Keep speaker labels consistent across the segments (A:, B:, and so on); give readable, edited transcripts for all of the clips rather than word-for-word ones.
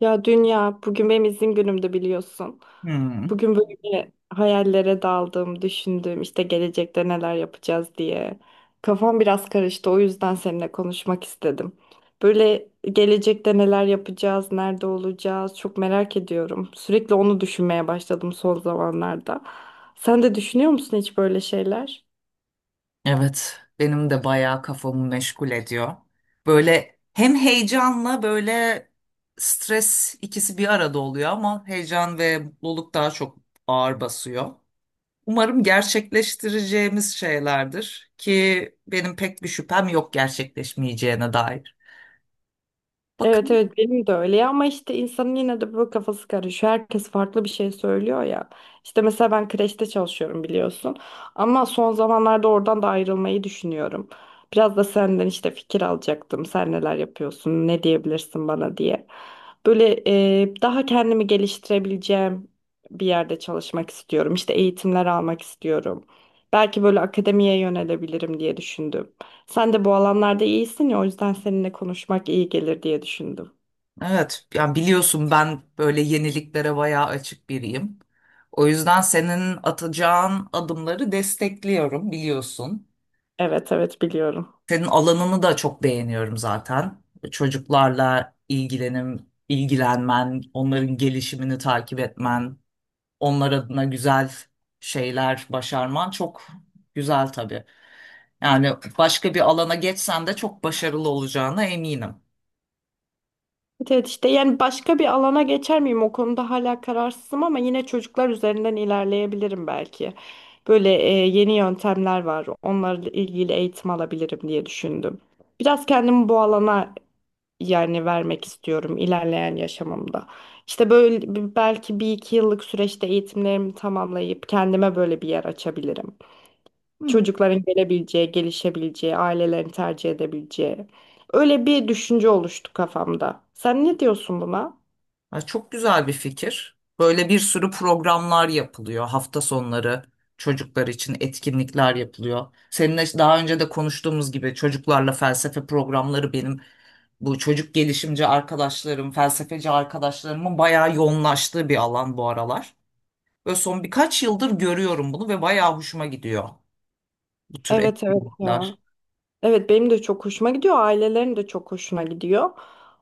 A: Ya dünya bugün benim izin günümdü biliyorsun.
B: Hmm,
A: Bugün böyle hayallere daldım, düşündüm işte gelecekte neler yapacağız diye. Kafam biraz karıştı o yüzden seninle konuşmak istedim. Böyle gelecekte neler yapacağız, nerede olacağız çok merak ediyorum. Sürekli onu düşünmeye başladım son zamanlarda. Sen de düşünüyor musun hiç böyle şeyler?
B: evet, benim de bayağı kafamı meşgul ediyor. Böyle hem heyecanla böyle stres ikisi bir arada oluyor ama heyecan ve mutluluk daha çok ağır basıyor. Umarım gerçekleştireceğimiz şeylerdir ki benim pek bir şüphem yok gerçekleşmeyeceğine dair.
A: Evet
B: Bakın,
A: evet benim de öyle ya ama işte insanın yine de böyle kafası karışıyor. Herkes farklı bir şey söylüyor ya. İşte mesela ben kreşte çalışıyorum biliyorsun. Ama son zamanlarda oradan da ayrılmayı düşünüyorum. Biraz da senden işte fikir alacaktım. Sen neler yapıyorsun, ne diyebilirsin bana diye. Böyle daha kendimi geliştirebileceğim bir yerde çalışmak istiyorum. İşte eğitimler almak istiyorum. Belki böyle akademiye yönelebilirim diye düşündüm. Sen de bu alanlarda iyisin ya o yüzden seninle konuşmak iyi gelir diye düşündüm.
B: evet, yani biliyorsun ben böyle yeniliklere bayağı açık biriyim. O yüzden senin atacağın adımları destekliyorum biliyorsun.
A: Evet evet biliyorum.
B: Senin alanını da çok beğeniyorum zaten. Çocuklarla ilgilenmen, onların gelişimini takip etmen, onlar adına güzel şeyler başarman çok güzel tabii. Yani başka bir alana geçsen de çok başarılı olacağına eminim.
A: Evet, evet işte yani başka bir alana geçer miyim o konuda hala kararsızım ama yine çocuklar üzerinden ilerleyebilirim belki. Böyle yeni yöntemler var onlarla ilgili eğitim alabilirim diye düşündüm. Biraz kendimi bu alana yani vermek istiyorum ilerleyen yaşamımda. İşte böyle belki bir iki yıllık süreçte eğitimlerimi tamamlayıp kendime böyle bir yer açabilirim.
B: Hı.
A: Çocukların gelebileceği, gelişebileceği, ailelerin tercih edebileceği. Öyle bir düşünce oluştu kafamda. Sen ne diyorsun buna?
B: Ha, çok güzel bir fikir. Böyle bir sürü programlar yapılıyor. Hafta sonları çocuklar için etkinlikler yapılıyor. Seninle daha önce de konuştuğumuz gibi çocuklarla felsefe programları benim bu çocuk gelişimci arkadaşlarım, felsefeci arkadaşlarımın bayağı yoğunlaştığı bir alan bu aralar. Ve son birkaç yıldır görüyorum bunu ve bayağı hoşuma gidiyor bu tür
A: Evet evet ya.
B: etkinlikler.
A: Evet benim de çok hoşuma gidiyor. Ailelerin de çok hoşuna gidiyor.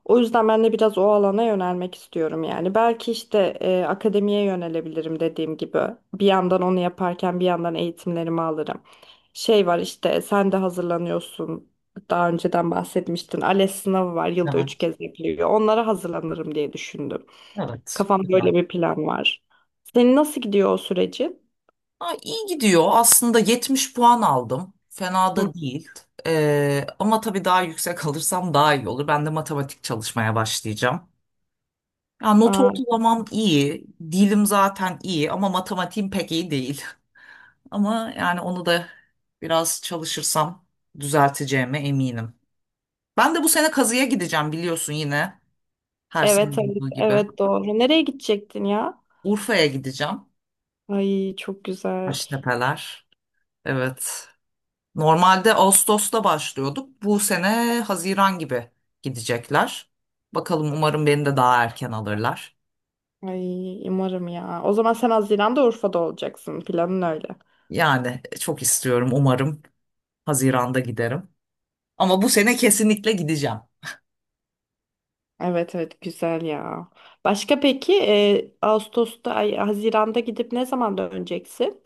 A: O yüzden ben de biraz o alana yönelmek istiyorum yani. Belki işte akademiye yönelebilirim dediğim gibi. Bir yandan onu yaparken bir yandan eğitimlerimi alırım. Şey var işte sen de hazırlanıyorsun. Daha önceden bahsetmiştin. ALES sınavı var. Yılda üç
B: Evet,
A: kez yapılıyor. Onlara hazırlanırım diye düşündüm.
B: evet,
A: Kafamda
B: güzel.
A: böyle bir plan var. Senin nasıl gidiyor o süreci?
B: Ha, iyi gidiyor. Aslında 70 puan aldım. Fena
A: Hı.
B: da değil. Ama tabii daha yüksek alırsam daha iyi olur. Ben de matematik çalışmaya başlayacağım. Ya, not
A: Aa,
B: ortalamam iyi. Dilim zaten iyi ama matematiğim pek iyi değil. Ama yani onu da biraz çalışırsam düzelteceğime eminim. Ben de bu sene kazıya gideceğim biliyorsun yine. Her sene
A: evet evet
B: olduğu gibi.
A: evet doğru. Nereye gidecektin ya?
B: Urfa'ya gideceğim.
A: Ay çok güzel.
B: Taştepeler. Evet. Normalde Ağustos'ta başlıyorduk. Bu sene Haziran gibi gidecekler. Bakalım, umarım beni de daha erken alırlar.
A: Ay umarım ya. O zaman sen Haziran'da Urfa'da olacaksın. Planın öyle.
B: Yani çok istiyorum, umarım Haziran'da giderim. Ama bu sene kesinlikle gideceğim.
A: Evet evet güzel ya. Başka peki Ağustos'ta ay Haziran'da gidip ne zaman döneceksin?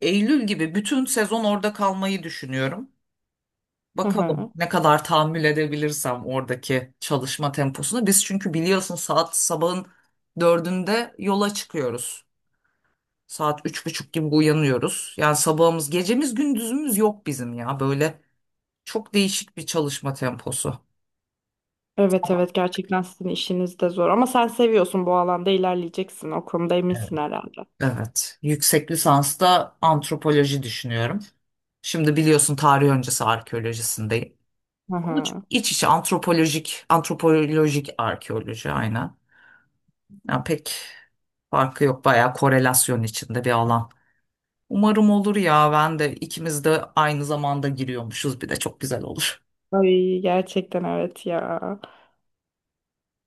B: Eylül gibi bütün sezon orada kalmayı düşünüyorum.
A: Hı
B: Bakalım
A: hı.
B: ne kadar tahammül edebilirsem oradaki çalışma temposunu. Biz çünkü biliyorsun saat sabahın dördünde yola çıkıyoruz. Saat üç buçuk gibi uyanıyoruz. Yani sabahımız, gecemiz, gündüzümüz yok bizim ya. Böyle çok değişik bir çalışma temposu.
A: Evet evet gerçekten sizin işiniz de zor ama sen seviyorsun bu alanda ilerleyeceksin. O konuda
B: Evet.
A: eminsin herhalde.
B: Evet. Yüksek lisansta antropoloji düşünüyorum. Şimdi biliyorsun tarih öncesi arkeolojisindeyim.
A: Hı
B: Ama
A: hı.
B: çok iç içe antropolojik arkeoloji aynen. Yani pek farkı yok. Bayağı korelasyon içinde bir alan. Umarım olur ya. Ben de, ikimiz de aynı zamanda giriyormuşuz. Bir de çok güzel olur.
A: Ay gerçekten evet ya.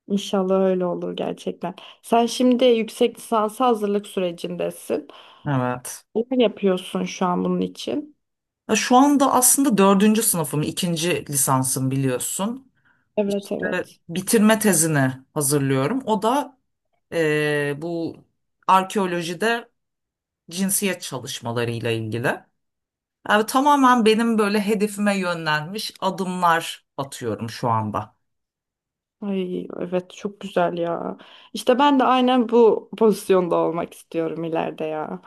A: İnşallah öyle olur gerçekten. Sen şimdi yüksek lisansa hazırlık sürecindesin.
B: Evet.
A: Ne yapıyorsun şu an bunun için?
B: Ya şu anda aslında dördüncü sınıfım, ikinci lisansım biliyorsun.
A: Evet
B: İşte
A: evet.
B: bitirme tezini hazırlıyorum. O da bu arkeolojide cinsiyet çalışmalarıyla ilgili. Yani tamamen benim böyle hedefime yönlenmiş adımlar atıyorum şu anda.
A: Ay evet çok güzel ya. İşte ben de aynen bu pozisyonda olmak istiyorum ileride ya.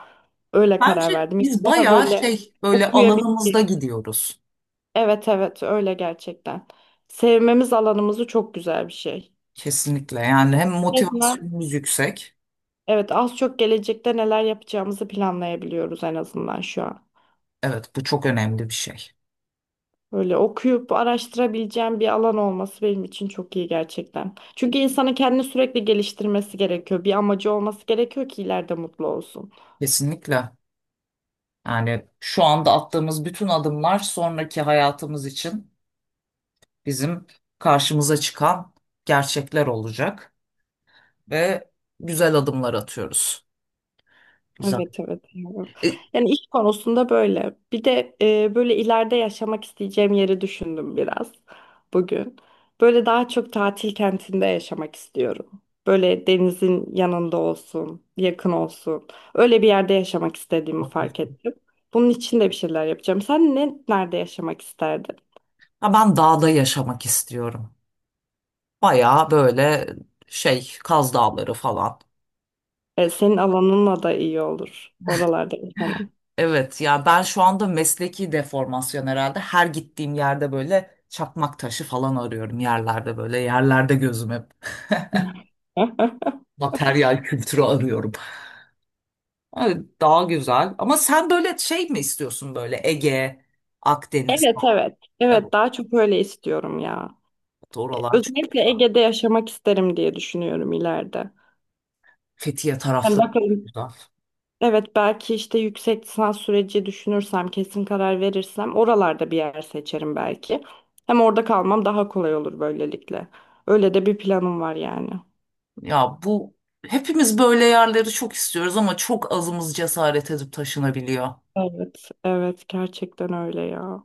A: Öyle
B: Bence
A: karar verdim. Yani
B: biz
A: daha
B: bayağı
A: böyle
B: şey böyle alanımızda
A: okuyabildiğim.
B: gidiyoruz.
A: Evet evet öyle gerçekten. Sevmemiz alanımızı çok güzel bir şey.
B: Kesinlikle, yani hem
A: Resmen
B: motivasyonumuz yüksek.
A: evet az çok gelecekte neler yapacağımızı planlayabiliyoruz en azından şu an.
B: Evet, bu çok önemli bir şey.
A: Böyle okuyup araştırabileceğim bir alan olması benim için çok iyi gerçekten. Çünkü insanın kendini sürekli geliştirmesi gerekiyor. Bir amacı olması gerekiyor ki ileride mutlu olsun.
B: Kesinlikle. Yani şu anda attığımız bütün adımlar sonraki hayatımız için bizim karşımıza çıkan gerçekler olacak ve güzel adımlar atıyoruz. Güzel.
A: Evet evet. Evet.
B: E,
A: Yani iş konusunda böyle. Bir de böyle ileride yaşamak isteyeceğim yeri düşündüm biraz bugün. Böyle daha çok tatil kentinde yaşamak istiyorum. Böyle denizin yanında olsun, yakın olsun. Öyle bir yerde yaşamak istediğimi fark
B: Okey.
A: ettim. Bunun için de bir şeyler yapacağım. Sen ne nerede yaşamak isterdin?
B: Ha, ben dağda yaşamak istiyorum. Bayağı böyle şey Kaz Dağları falan.
A: E, senin alanınla da iyi olur. Oralarda yaşaman.
B: Evet ya, ben şu anda mesleki deformasyon herhalde. Her gittiğim yerde böyle çakmak taşı falan arıyorum yerlerde böyle. Yerlerde gözüm hep materyal kültürü arıyorum. Evet, daha güzel. Ama sen böyle şey mi istiyorsun, böyle Ege, Akdeniz?
A: Evet evet.
B: Evet,
A: Evet daha çok öyle istiyorum ya.
B: oralar çok
A: Özellikle
B: güzel.
A: Ege'de yaşamak isterim diye düşünüyorum ileride.
B: Fethiye
A: Yani
B: tarafları çok
A: bakalım.
B: güzel.
A: Evet belki işte yüksek lisans süreci düşünürsem, kesin karar verirsem oralarda bir yer seçerim belki. Hem orada kalmam daha kolay olur böylelikle. Öyle de bir planım var yani.
B: Ya, bu hepimiz böyle yerleri çok istiyoruz ama çok azımız cesaret edip taşınabiliyor.
A: Evet, evet gerçekten öyle ya.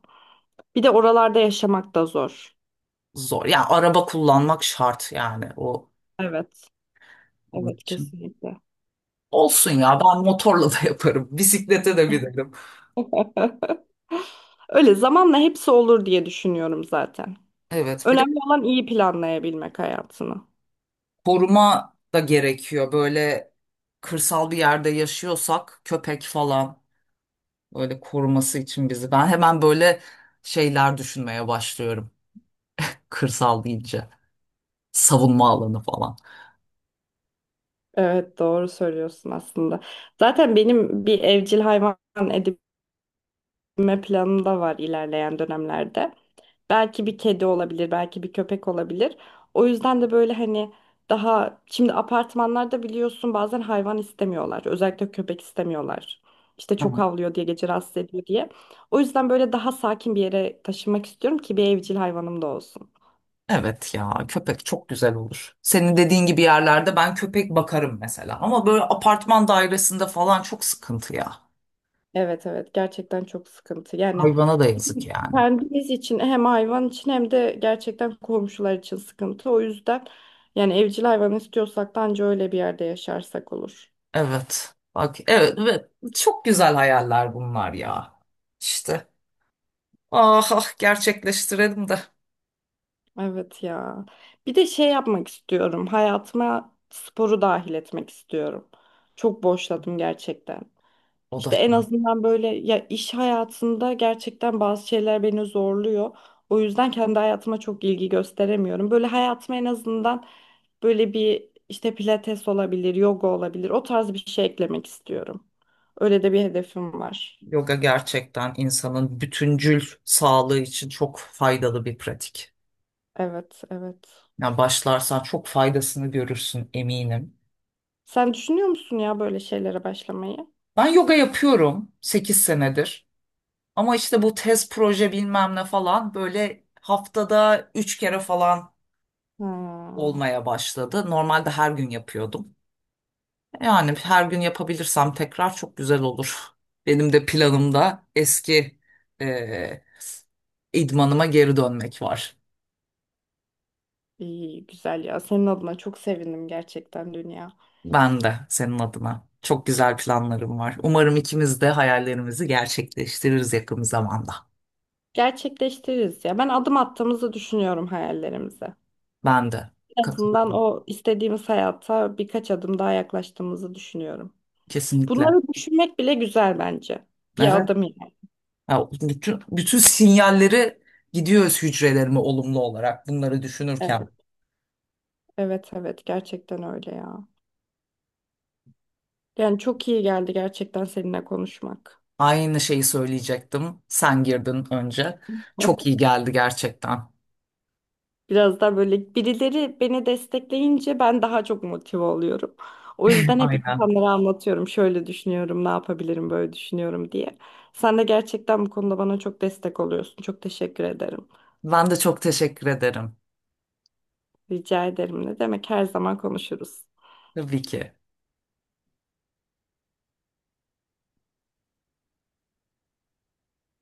A: Bir de oralarda yaşamak da zor.
B: Zor. Ya araba kullanmak şart yani o
A: Evet,
B: onun
A: evet
B: için.
A: kesinlikle.
B: Olsun ya, ben motorla da yaparım. Bisiklete de binerim.
A: Öyle zamanla hepsi olur diye düşünüyorum zaten.
B: Evet, bir de
A: Önemli olan iyi planlayabilmek hayatını.
B: koruma da gerekiyor. Böyle kırsal bir yerde yaşıyorsak köpek falan, böyle koruması için bizi. Ben hemen böyle şeyler düşünmeye başlıyorum. Kırsal deyince. Savunma alanı falan.
A: Evet doğru söylüyorsun aslında. Zaten benim bir evcil hayvan edinme planım da var ilerleyen dönemlerde. Belki bir kedi olabilir, belki bir köpek olabilir. O yüzden de böyle hani daha şimdi apartmanlarda biliyorsun bazen hayvan istemiyorlar. Özellikle köpek istemiyorlar. İşte
B: Hı.
A: çok havlıyor diye gece rahatsız ediyor diye. O yüzden böyle daha sakin bir yere taşınmak istiyorum ki bir evcil hayvanım da olsun.
B: Evet ya, köpek çok güzel olur. Senin dediğin gibi yerlerde ben köpek bakarım mesela. Ama böyle apartman dairesinde falan çok sıkıntı ya.
A: Evet evet gerçekten çok sıkıntı. Yani
B: Hayvana da yazık yani.
A: kendimiz için hem hayvan için hem de gerçekten komşular için sıkıntı. O yüzden yani evcil hayvan istiyorsak da anca öyle bir yerde yaşarsak olur.
B: Evet. Bak, evet, evet. Çok güzel hayaller bunlar ya. İşte. Ah ah, gerçekleştirelim de.
A: Evet ya. Bir de şey yapmak istiyorum. Hayatıma sporu dahil etmek istiyorum. Çok boşladım gerçekten.
B: O da,
A: İşte en azından böyle ya iş hayatında gerçekten bazı şeyler beni zorluyor. O yüzden kendi hayatıma çok ilgi gösteremiyorum. Böyle hayatıma en azından böyle bir işte pilates olabilir, yoga olabilir. O tarz bir şey eklemek istiyorum. Öyle de bir hedefim var.
B: yoga gerçekten insanın bütüncül sağlığı için çok faydalı bir pratik.
A: Evet, evet.
B: Yani başlarsan çok faydasını görürsün eminim.
A: Sen düşünüyor musun ya böyle şeylere başlamayı?
B: Ben yoga yapıyorum 8 senedir. Ama işte bu tez proje bilmem ne falan böyle haftada 3 kere falan
A: Ha,
B: olmaya başladı. Normalde her gün yapıyordum. Yani her gün yapabilirsem tekrar çok güzel olur. Benim de planımda eski eee idmanıma geri dönmek var.
A: iyi, güzel ya. Senin adına çok sevindim gerçekten dünya.
B: Ben de senin adına. Çok güzel planlarım var. Umarım ikimiz de hayallerimizi gerçekleştiririz yakın zamanda.
A: Gerçekleştiririz ya. Ben adım attığımızı düşünüyorum hayallerimize.
B: Ben de
A: En azından
B: katılıyorum.
A: o istediğimiz hayata birkaç adım daha yaklaştığımızı düşünüyorum.
B: Kesinlikle.
A: Bunları düşünmek bile güzel bence. Bir
B: Evet.
A: adım yani.
B: Ha, bütün sinyalleri gidiyoruz hücrelerime olumlu olarak bunları düşünürken.
A: Evet, evet, evet. Gerçekten öyle ya. Yani çok iyi geldi gerçekten seninle konuşmak.
B: Aynı şeyi söyleyecektim. Sen girdin önce. Çok iyi geldi gerçekten.
A: Biraz daha böyle birileri beni destekleyince ben daha çok motive oluyorum. O yüzden hep
B: Aynen.
A: insanlara anlatıyorum. Şöyle düşünüyorum, ne yapabilirim, böyle düşünüyorum diye. Sen de gerçekten bu konuda bana çok destek oluyorsun. Çok teşekkür ederim.
B: Ben de çok teşekkür ederim.
A: Rica ederim. Ne demek her zaman konuşuruz.
B: Tabii ki.